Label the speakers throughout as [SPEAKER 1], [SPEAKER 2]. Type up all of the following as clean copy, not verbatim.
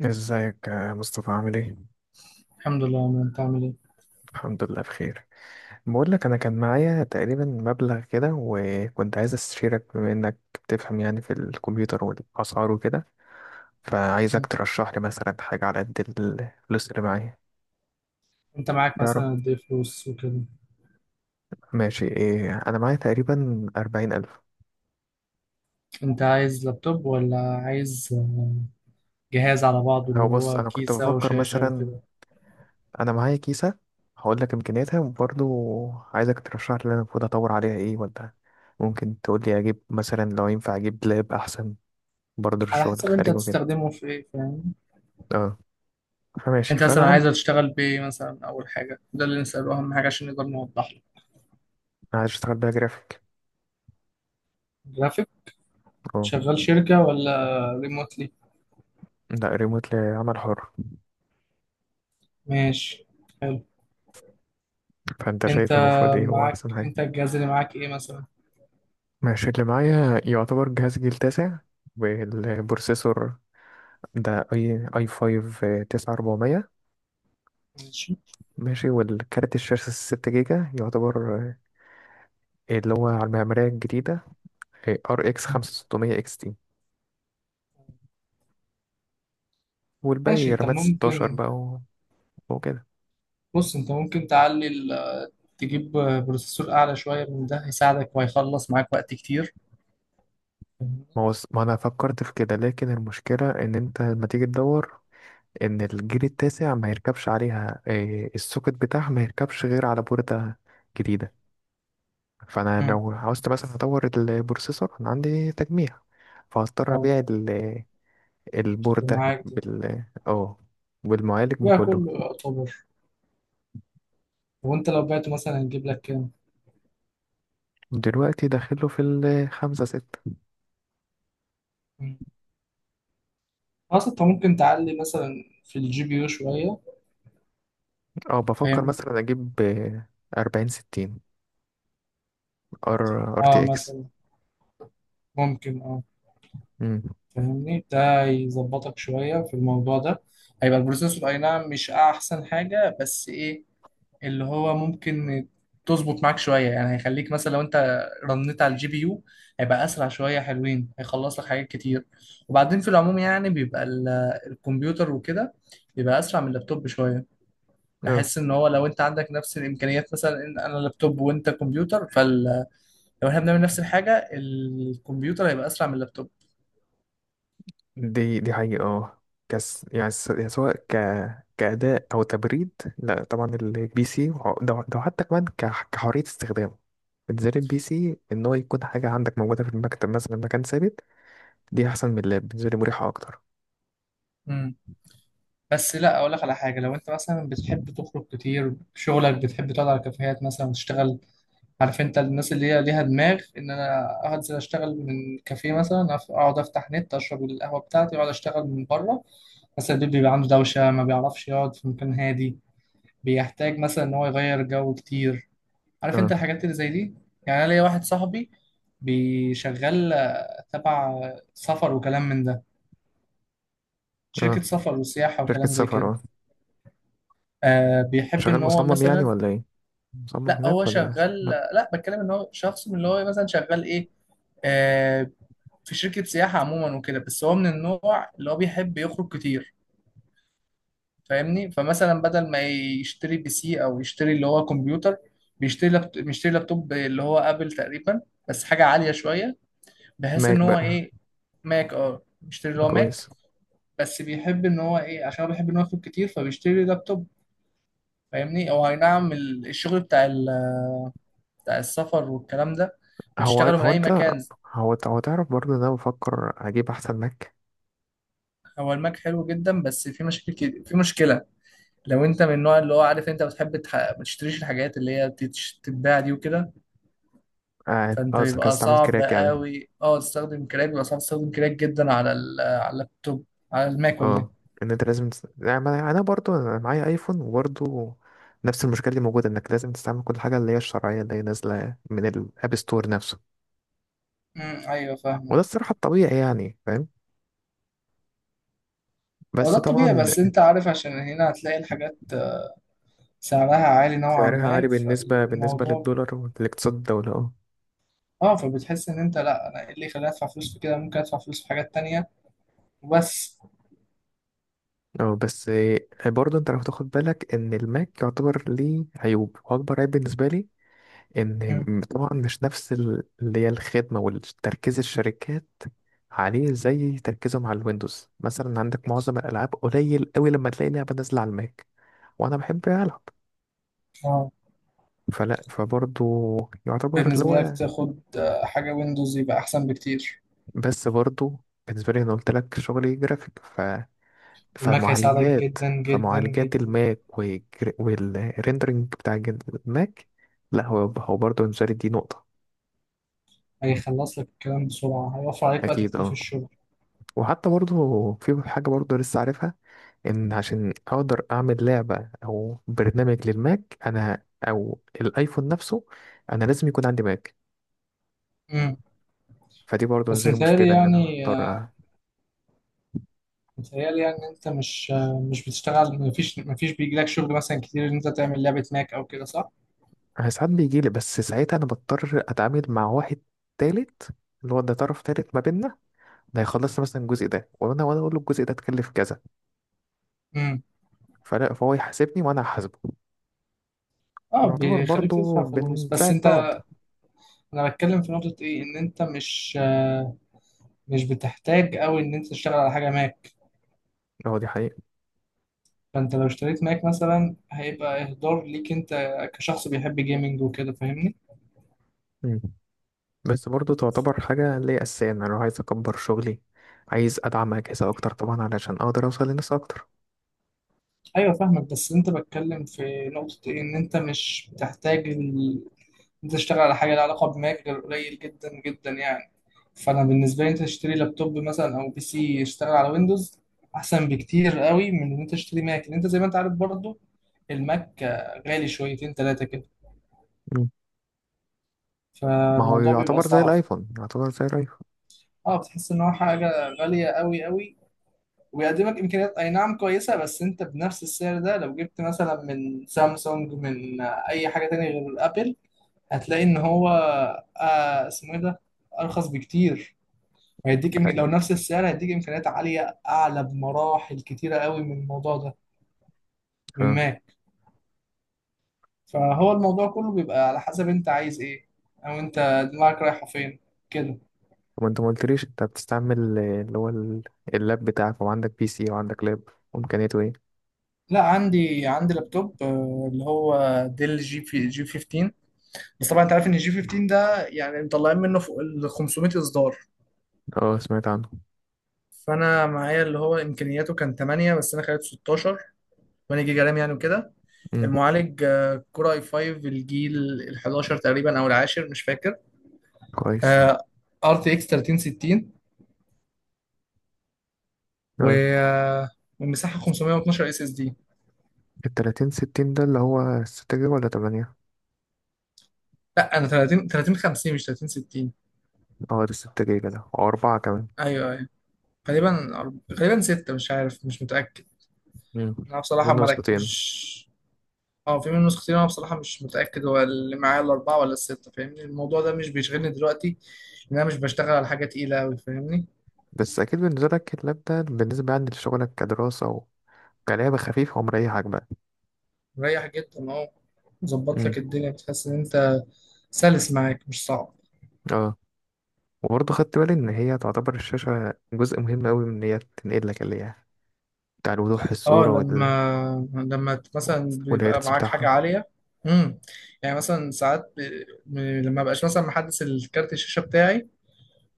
[SPEAKER 1] ازيك يا مصطفى، عامل ايه؟
[SPEAKER 2] الحمد لله، ما انت عامل ايه؟
[SPEAKER 1] الحمد لله بخير. بقول لك، انا كان معايا تقريبا مبلغ كده، وكنت عايز استشيرك بما انك بتفهم يعني في الكمبيوتر والاسعار وكده. فعايزك
[SPEAKER 2] مم.
[SPEAKER 1] ترشح لي مثلا حاجة على قد الفلوس اللي معايا.
[SPEAKER 2] انت معاك
[SPEAKER 1] يعرف.
[SPEAKER 2] مثلا قد ايه فلوس وكده؟
[SPEAKER 1] ماشي. ايه، انا معايا تقريبا 40 ألف.
[SPEAKER 2] انت عايز لابتوب ولا عايز جهاز على بعضه، اللي
[SPEAKER 1] هو بص،
[SPEAKER 2] هو
[SPEAKER 1] انا كنت
[SPEAKER 2] كيسة
[SPEAKER 1] بفكر
[SPEAKER 2] وشاشة
[SPEAKER 1] مثلا،
[SPEAKER 2] وكده؟
[SPEAKER 1] انا معايا كيسة، هقول لك امكانياتها، وبرضه عايزك ترشح لي انا المفروض اطور عليها ايه، ولا ممكن تقول لي اجيب مثلا لو ينفع اجيب لاب احسن برضه
[SPEAKER 2] على
[SPEAKER 1] للشغل
[SPEAKER 2] حسب انت
[SPEAKER 1] الخارجي وكده.
[SPEAKER 2] هتستخدمه في ايه، فاهم؟
[SPEAKER 1] اه. فماشي،
[SPEAKER 2] انت
[SPEAKER 1] فانا
[SPEAKER 2] مثلا عايز
[SPEAKER 1] عندي.
[SPEAKER 2] تشتغل بايه مثلا؟ اول حاجة ده اللي نسأله، اهم حاجة عشان نقدر نوضح له.
[SPEAKER 1] عايز اشتغل بقى جرافيك.
[SPEAKER 2] جرافيك.
[SPEAKER 1] اه.
[SPEAKER 2] شغال شركة ولا ريموتلي؟
[SPEAKER 1] لا، ريموت، لعمل حر.
[SPEAKER 2] ماشي. حلو.
[SPEAKER 1] فانت
[SPEAKER 2] انت
[SPEAKER 1] شايف المفروض ايه هو احسن
[SPEAKER 2] معاك
[SPEAKER 1] حاجه؟
[SPEAKER 2] انت الجهاز اللي معاك ايه مثلا؟
[SPEAKER 1] ماشي، اللي معايا يعتبر جهاز جيل تاسع، والبروسيسور ده اي اي 5 9400.
[SPEAKER 2] ماشي.
[SPEAKER 1] ماشي، والكارت الشاشه 6 جيجا يعتبر، اللي هو على المعماريه الجديده، ار اكس
[SPEAKER 2] مم.
[SPEAKER 1] 5600 اكس تي،
[SPEAKER 2] ماشي
[SPEAKER 1] والباقي
[SPEAKER 2] انت
[SPEAKER 1] رامات 16
[SPEAKER 2] ممكن.
[SPEAKER 1] بقى وكده.
[SPEAKER 2] بص انت ممكن تعلي تجيب بروسيسور اعلى شويه من ده، هيساعدك وهيخلص معاك وقت كتير.
[SPEAKER 1] ما هو ما انا فكرت في كده، لكن المشكله ان انت لما تيجي تدور ان الجيل التاسع ما يركبش عليها، السوكت بتاعها ما يركبش غير على بوردة جديدة. فانا
[SPEAKER 2] امم
[SPEAKER 1] لو عاوزت مثلا اطور البروسيسور، انا عندي تجميع، فهضطر
[SPEAKER 2] اه،
[SPEAKER 1] ابيع
[SPEAKER 2] اللي
[SPEAKER 1] البوردة
[SPEAKER 2] معاك ده
[SPEAKER 1] بال اه والمعالج
[SPEAKER 2] بقى
[SPEAKER 1] بكله.
[SPEAKER 2] كله يعتبر، وانت لو بعته مثلا هنجيب لك كام؟
[SPEAKER 1] دلوقتي داخله في الخمسة ستة.
[SPEAKER 2] مم. اصلا انت ممكن تعلي مثلا في الجي بي يو شويه،
[SPEAKER 1] اه، بفكر
[SPEAKER 2] فاهمني؟
[SPEAKER 1] مثلا اجيب 4060، ار ار تي
[SPEAKER 2] اه
[SPEAKER 1] اكس.
[SPEAKER 2] مثلا، ممكن فاهمني، ده يظبطك شويه في الموضوع ده. هيبقى البروسيسور اي نعم مش احسن حاجه، بس ايه؟ اللي هو ممكن تظبط معاك شوية يعني. هيخليك مثلا لو انت رنيت على الجي بي يو هيبقى اسرع شوية، حلوين، هيخلص لك حاجات كتير. وبعدين في العموم يعني بيبقى الكمبيوتر وكده بيبقى اسرع من اللابتوب شوية. بحس ان هو لو انت عندك نفس الامكانيات، مثلا ان انا لابتوب وانت كمبيوتر، فلو احنا بنعمل نفس الحاجة الكمبيوتر هيبقى اسرع من اللابتوب.
[SPEAKER 1] دي حقيقة. اه، يعني سواء كأداء أو تبريد، لا طبعا البي سي ده حتى كمان كحرية استخدام. بالنسبة لي البي سي، إن هو يكون حاجة عندك موجودة في المكتب مثلا، مكان ثابت، دي أحسن من اللاب. بالنسبة لي مريحة أكتر.
[SPEAKER 2] امم بس لا، اقول لك على حاجة. لو انت مثلا بتحب تخرج كتير، شغلك بتحب تقعد على كافيهات مثلا وتشتغل، عارف انت، الناس اللي هي ليها دماغ ان انا انزل اشتغل من كافيه مثلا، اقعد افتح نت، اشرب القهوه بتاعتي واقعد اشتغل من بره. بس البيت بيبقى عنده دوشه، ما بيعرفش يقعد في مكان هادي، بيحتاج مثلا ان هو يغير جو كتير، عارف انت
[SPEAKER 1] اه.
[SPEAKER 2] الحاجات اللي زي دي. يعني انا ليا واحد صاحبي بيشغل تبع سفر وكلام من ده،
[SPEAKER 1] اه،
[SPEAKER 2] شركه سفر وسياحه
[SPEAKER 1] شركة
[SPEAKER 2] وكلام زي
[SPEAKER 1] سفر.
[SPEAKER 2] كده.
[SPEAKER 1] اه.
[SPEAKER 2] بيحب
[SPEAKER 1] شغال
[SPEAKER 2] ان هو
[SPEAKER 1] مصمم يعني
[SPEAKER 2] مثلا،
[SPEAKER 1] ولا ايه؟ مصمم
[SPEAKER 2] لا هو
[SPEAKER 1] هناك ولا
[SPEAKER 2] شغال.
[SPEAKER 1] ماك؟
[SPEAKER 2] لا، بتكلم ان هو شخص من اللي هو مثلا شغال ايه، آه، في شركة سياحة عموما وكده. بس هو من النوع اللي هو بيحب يخرج كتير، فاهمني؟ فمثلا بدل ما يشتري بي سي أو يشتري اللي هو كمبيوتر، بيشتري بيشتري لابتوب اللي هو آبل تقريبا، بس حاجة عالية شوية، بحيث إن
[SPEAKER 1] ماك
[SPEAKER 2] هو
[SPEAKER 1] بقى؟
[SPEAKER 2] إيه. ماك، أه، بيشتري اللي هو ماك.
[SPEAKER 1] كويس.
[SPEAKER 2] بس بيحب إن هو إيه، عشان هو بيحب إن هو يخرج كتير فبيشتري لابتوب، فاهمني؟ أو أي نعم الشغل بتاع السفر والكلام ده
[SPEAKER 1] هو
[SPEAKER 2] بتشتغله من
[SPEAKER 1] هو
[SPEAKER 2] أي
[SPEAKER 1] انت،
[SPEAKER 2] مكان.
[SPEAKER 1] هو تعرف برضه إن أنا بفكر أجيب أحسن ماك.
[SPEAKER 2] هو الماك حلو جدا، بس في مشاكل في مشكلة. لو انت من النوع اللي هو، عارف انت، بتحب ما تشتريش الحاجات اللي هي بتتباع دي وكده،
[SPEAKER 1] اه.
[SPEAKER 2] فانت
[SPEAKER 1] قصدك
[SPEAKER 2] بيبقى
[SPEAKER 1] هستعمل
[SPEAKER 2] صعب
[SPEAKER 1] كراك يعني.
[SPEAKER 2] قوي تستخدم كراك، بيبقى صعب تستخدم كراك جدا على على اللابتوب، على الماك ولا
[SPEAKER 1] اه.
[SPEAKER 2] ايه.
[SPEAKER 1] ان انت لازم تس... يعني ما- انا برضو، انا معايا ايفون، وبرضو نفس المشكله دي موجوده، انك لازم تستعمل كل حاجه اللي هي الشرعيه، اللي هي نازله من الاب ستور نفسه.
[SPEAKER 2] ايوه فاهمه.
[SPEAKER 1] وده الصراحه الطبيعي يعني، فاهم.
[SPEAKER 2] هو ده
[SPEAKER 1] بس
[SPEAKER 2] الطبيعي،
[SPEAKER 1] طبعا
[SPEAKER 2] بس انت عارف عشان هنا هتلاقي الحاجات سعرها عالي نوعا
[SPEAKER 1] سعرها عالي
[SPEAKER 2] ما،
[SPEAKER 1] بالنسبه
[SPEAKER 2] فالموضوع
[SPEAKER 1] للدولار والاقتصاد الدوله. اه.
[SPEAKER 2] اه، فبتحس ان انت، لا انا ايه اللي يخليني ادفع فلوس في كده؟ ممكن ادفع فلوس في حاجات تانية وبس.
[SPEAKER 1] اه، بس برضو انت لو تاخد بالك ان الماك يعتبر ليه عيوب، واكبر عيب بالنسبه لي
[SPEAKER 2] مم.
[SPEAKER 1] ان طبعا مش نفس اللي هي الخدمه والتركيز الشركات عليه زي تركيزهم على الويندوز. مثلا عندك معظم الالعاب قليل قوي لما تلاقي لعبه نازله على الماك. وانا بحب العب،
[SPEAKER 2] اه،
[SPEAKER 1] فلا فبرضه يعتبر اللي
[SPEAKER 2] بالنسبة لك
[SPEAKER 1] هو.
[SPEAKER 2] تاخد حاجة ويندوز يبقى احسن بكتير.
[SPEAKER 1] بس برضه بالنسبه لي انا قلت لك شغلي جرافيك، ف
[SPEAKER 2] الماك هيساعدك
[SPEAKER 1] فمعالجات
[SPEAKER 2] جدا جدا
[SPEAKER 1] فمعالجات
[SPEAKER 2] جدا،
[SPEAKER 1] الماك، والريندرنج بتاع الماك، لا هو هو برضه بالنسبه لي دي نقطه.
[SPEAKER 2] هيخلص لك الكلام بسرعة، هيوفر عليك وقت
[SPEAKER 1] اكيد
[SPEAKER 2] كتير في
[SPEAKER 1] اه.
[SPEAKER 2] الشغل.
[SPEAKER 1] وحتى برضه في حاجة برضه لسه عارفها، إن عشان أقدر أعمل لعبة أو برنامج للماك أنا، أو الأيفون نفسه، أنا لازم يكون عندي ماك.
[SPEAKER 2] مم.
[SPEAKER 1] فدي برضه
[SPEAKER 2] بس
[SPEAKER 1] نزل
[SPEAKER 2] متهيألي
[SPEAKER 1] مشكلة إن أنا
[SPEAKER 2] يعني،
[SPEAKER 1] هضطر
[SPEAKER 2] إن أنت مش مش بتشتغل. مفيش بيجيلك شغل مثلا كتير إن أنت تعمل لعبة ماك أو كده، صح؟
[SPEAKER 1] أنا ساعات بيجيلي، بس ساعتها أنا بضطر أتعامل مع واحد تالت، اللي هو ده طرف تالت ما بيننا. ده هيخلص لي مثلا الجزء ده، وأنا أقول له الجزء ده تكلف كذا.
[SPEAKER 2] مم.
[SPEAKER 1] فلا فهو يحاسبني وأنا هحاسبه،
[SPEAKER 2] اه،
[SPEAKER 1] ونعتبر
[SPEAKER 2] بيخليك
[SPEAKER 1] برضه
[SPEAKER 2] تدفع فلوس. بس
[SPEAKER 1] بنساعد بعض.
[SPEAKER 2] انت، انا بتكلم في نقطة ايه، ان انت مش مش بتحتاج قوي ان انت تشتغل على حاجة ماك.
[SPEAKER 1] أه دي حقيقة.
[SPEAKER 2] فانت لو اشتريت ماك مثلا هيبقى اهدار ليك انت، كشخص بيحب جيمنج وكده، فاهمني؟
[SPEAKER 1] مم. بس برضو تعتبر حاجة اللي هي أساسية، إن أنا لو عايز أكبر شغلي، عايز أدعم أجهزة أكتر طبعا علشان أقدر أوصل لناس أكتر.
[SPEAKER 2] ايوه، فاهمك. بس انت بتكلم في نقطة ايه، ان انت مش بتحتاج انت تشتغل على حاجة لها علاقة بماك غير قليل جدا جدا يعني. فانا بالنسبة لي انت تشتري لابتوب مثلا او بي سي يشتغل على ويندوز احسن بكتير قوي من ان انت تشتري ماك، لان انت زي ما انت عارف برضو الماك غالي شويتين تلاتة كده،
[SPEAKER 1] مم. ما هو
[SPEAKER 2] فالموضوع بيبقى
[SPEAKER 1] يعتبر زي
[SPEAKER 2] صعب.
[SPEAKER 1] الأيفون، يعتبر زي الأيفون.
[SPEAKER 2] اه، بتحس ان هو حاجة غالية قوي قوي، ويقدمك امكانيات اي نعم كويسة. بس انت بنفس السعر ده لو جبت مثلا من سامسونج، من اي حاجة تانية غير ابل، هتلاقي ان هو اسمه ايه ده، ارخص بكتير. هيديك
[SPEAKER 1] ده
[SPEAKER 2] لو
[SPEAKER 1] حقيقة.
[SPEAKER 2] نفس السعر هيديك امكانيات عاليه، اعلى بمراحل كتيره قوي من الموضوع ده، من
[SPEAKER 1] اه.
[SPEAKER 2] ماك. فهو الموضوع كله بيبقى على حسب انت عايز ايه، او انت دماغك رايحه فين كده.
[SPEAKER 1] وأنت ما قلتليش أنت بتستعمل، اللي هو اللاب بتاعك، وعندك بي سي وعندك لاب، وإمكانياته إيه؟
[SPEAKER 2] لا، عندي لابتوب اللي هو ديل جي في جي 15. بس طبعا انت عارف ان الجي 15 ده يعني مطلعين منه فوق ال 500 اصدار.
[SPEAKER 1] أه، سمعت عنه.
[SPEAKER 2] فانا معايا اللي هو امكانياته كان 8 بس انا خليته 16، 8 جيجا رام يعني وكده.
[SPEAKER 1] أمم.
[SPEAKER 2] المعالج كور اي 5، الجيل ال 11 تقريبا او العاشر مش فاكر.
[SPEAKER 1] كويس.
[SPEAKER 2] آه، ار تي اكس 3060، و
[SPEAKER 1] أه.
[SPEAKER 2] آه، والمساحه 512 اس اس دي.
[SPEAKER 1] 3060 ده اللي هو 6 جيجا ولا 8؟
[SPEAKER 2] لا انا 30 3050 مش 3060.
[SPEAKER 1] أه، ده 6 جيجا ده، أو 4 كمان.
[SPEAKER 2] ايوه ايوه، غالبا 6، مش عارف، مش متاكد.
[SPEAKER 1] أمم.
[SPEAKER 2] انا بصراحه
[SPEAKER 1] منه
[SPEAKER 2] ملك
[SPEAKER 1] نسختين.
[SPEAKER 2] مش، اه في منه نسختين. انا بصراحه مش متاكد هو اللي معايا الاربعه ولا السته، فاهمني؟ الموضوع ده مش بيشغلني دلوقتي، لان انا مش بشتغل على حاجه تقيله قوي، فاهمني؟
[SPEAKER 1] بس أكيد بالنسبة لك اللاب ده، بالنسبة يعني لشغلك، كدراسة، كلعبة خفيفة ومريحة، عجبة.
[SPEAKER 2] مريح جدا اهو، ظبط
[SPEAKER 1] امم.
[SPEAKER 2] لك الدنيا، بتحس ان انت سلس معاك مش صعب.
[SPEAKER 1] اه، وبرضه خدت بالي إن هي تعتبر الشاشة جزء مهم أوي، من إن هي تنقل لك اللي هي بتاع الوضوح في
[SPEAKER 2] اه،
[SPEAKER 1] الصورة وال...
[SPEAKER 2] لما مثلا بيبقى
[SPEAKER 1] والهيرتز
[SPEAKER 2] معاك حاجة
[SPEAKER 1] بتاعها.
[SPEAKER 2] عالية. امم يعني مثلا ساعات لما بقاش مثلا محدث الكارت الشاشة بتاعي،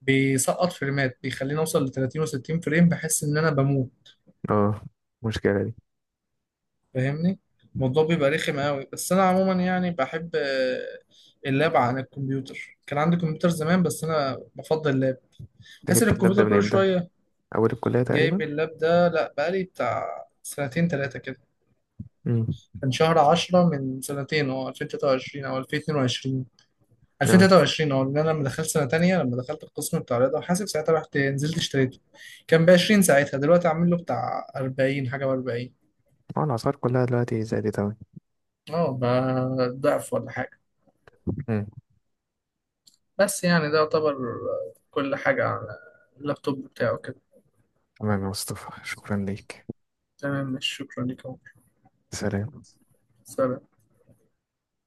[SPEAKER 2] بيسقط فريمات، بيخليني اوصل ل 30 و60 فريم، بحس ان انا بموت،
[SPEAKER 1] اه. مشكلة دي.
[SPEAKER 2] فاهمني؟ الموضوع بيبقى رخم قوي. بس انا عموما يعني بحب اللاب عن الكمبيوتر. كان عندي كمبيوتر زمان، بس انا بفضل اللاب،
[SPEAKER 1] أنت
[SPEAKER 2] بحس ان
[SPEAKER 1] جبت اللاب ده
[SPEAKER 2] الكمبيوتر
[SPEAKER 1] من
[SPEAKER 2] كل
[SPEAKER 1] إمتى؟
[SPEAKER 2] شوية.
[SPEAKER 1] أول الكلية
[SPEAKER 2] جايب
[SPEAKER 1] تقريبا؟
[SPEAKER 2] اللاب ده، لا بقالي بتاع سنتين تلاتة كده.
[SPEAKER 1] امم.
[SPEAKER 2] كان شهر 10 من سنتين، هو 2023 او 2022
[SPEAKER 1] اه.
[SPEAKER 2] 2023. اه، لان انا لما دخلت سنه تانية، لما دخلت القسم بتاع رياضه وحاسب، ساعتها رحت نزلت اشتريته. كان ب 20، ساعتها دلوقتي عامل له بتاع 40 حاجه و40.
[SPEAKER 1] الأسعار كلها دلوقتي زادت أوي.
[SPEAKER 2] اه بقى، ضعف ولا حاجه.
[SPEAKER 1] امم.
[SPEAKER 2] بس يعني ده يعتبر كل حاجه على اللابتوب بتاعه كده.
[SPEAKER 1] تمام يا مصطفى، شكرا ليك.
[SPEAKER 2] تمام، مش شكرا لك يا عمر.
[SPEAKER 1] سلام.
[SPEAKER 2] سلام.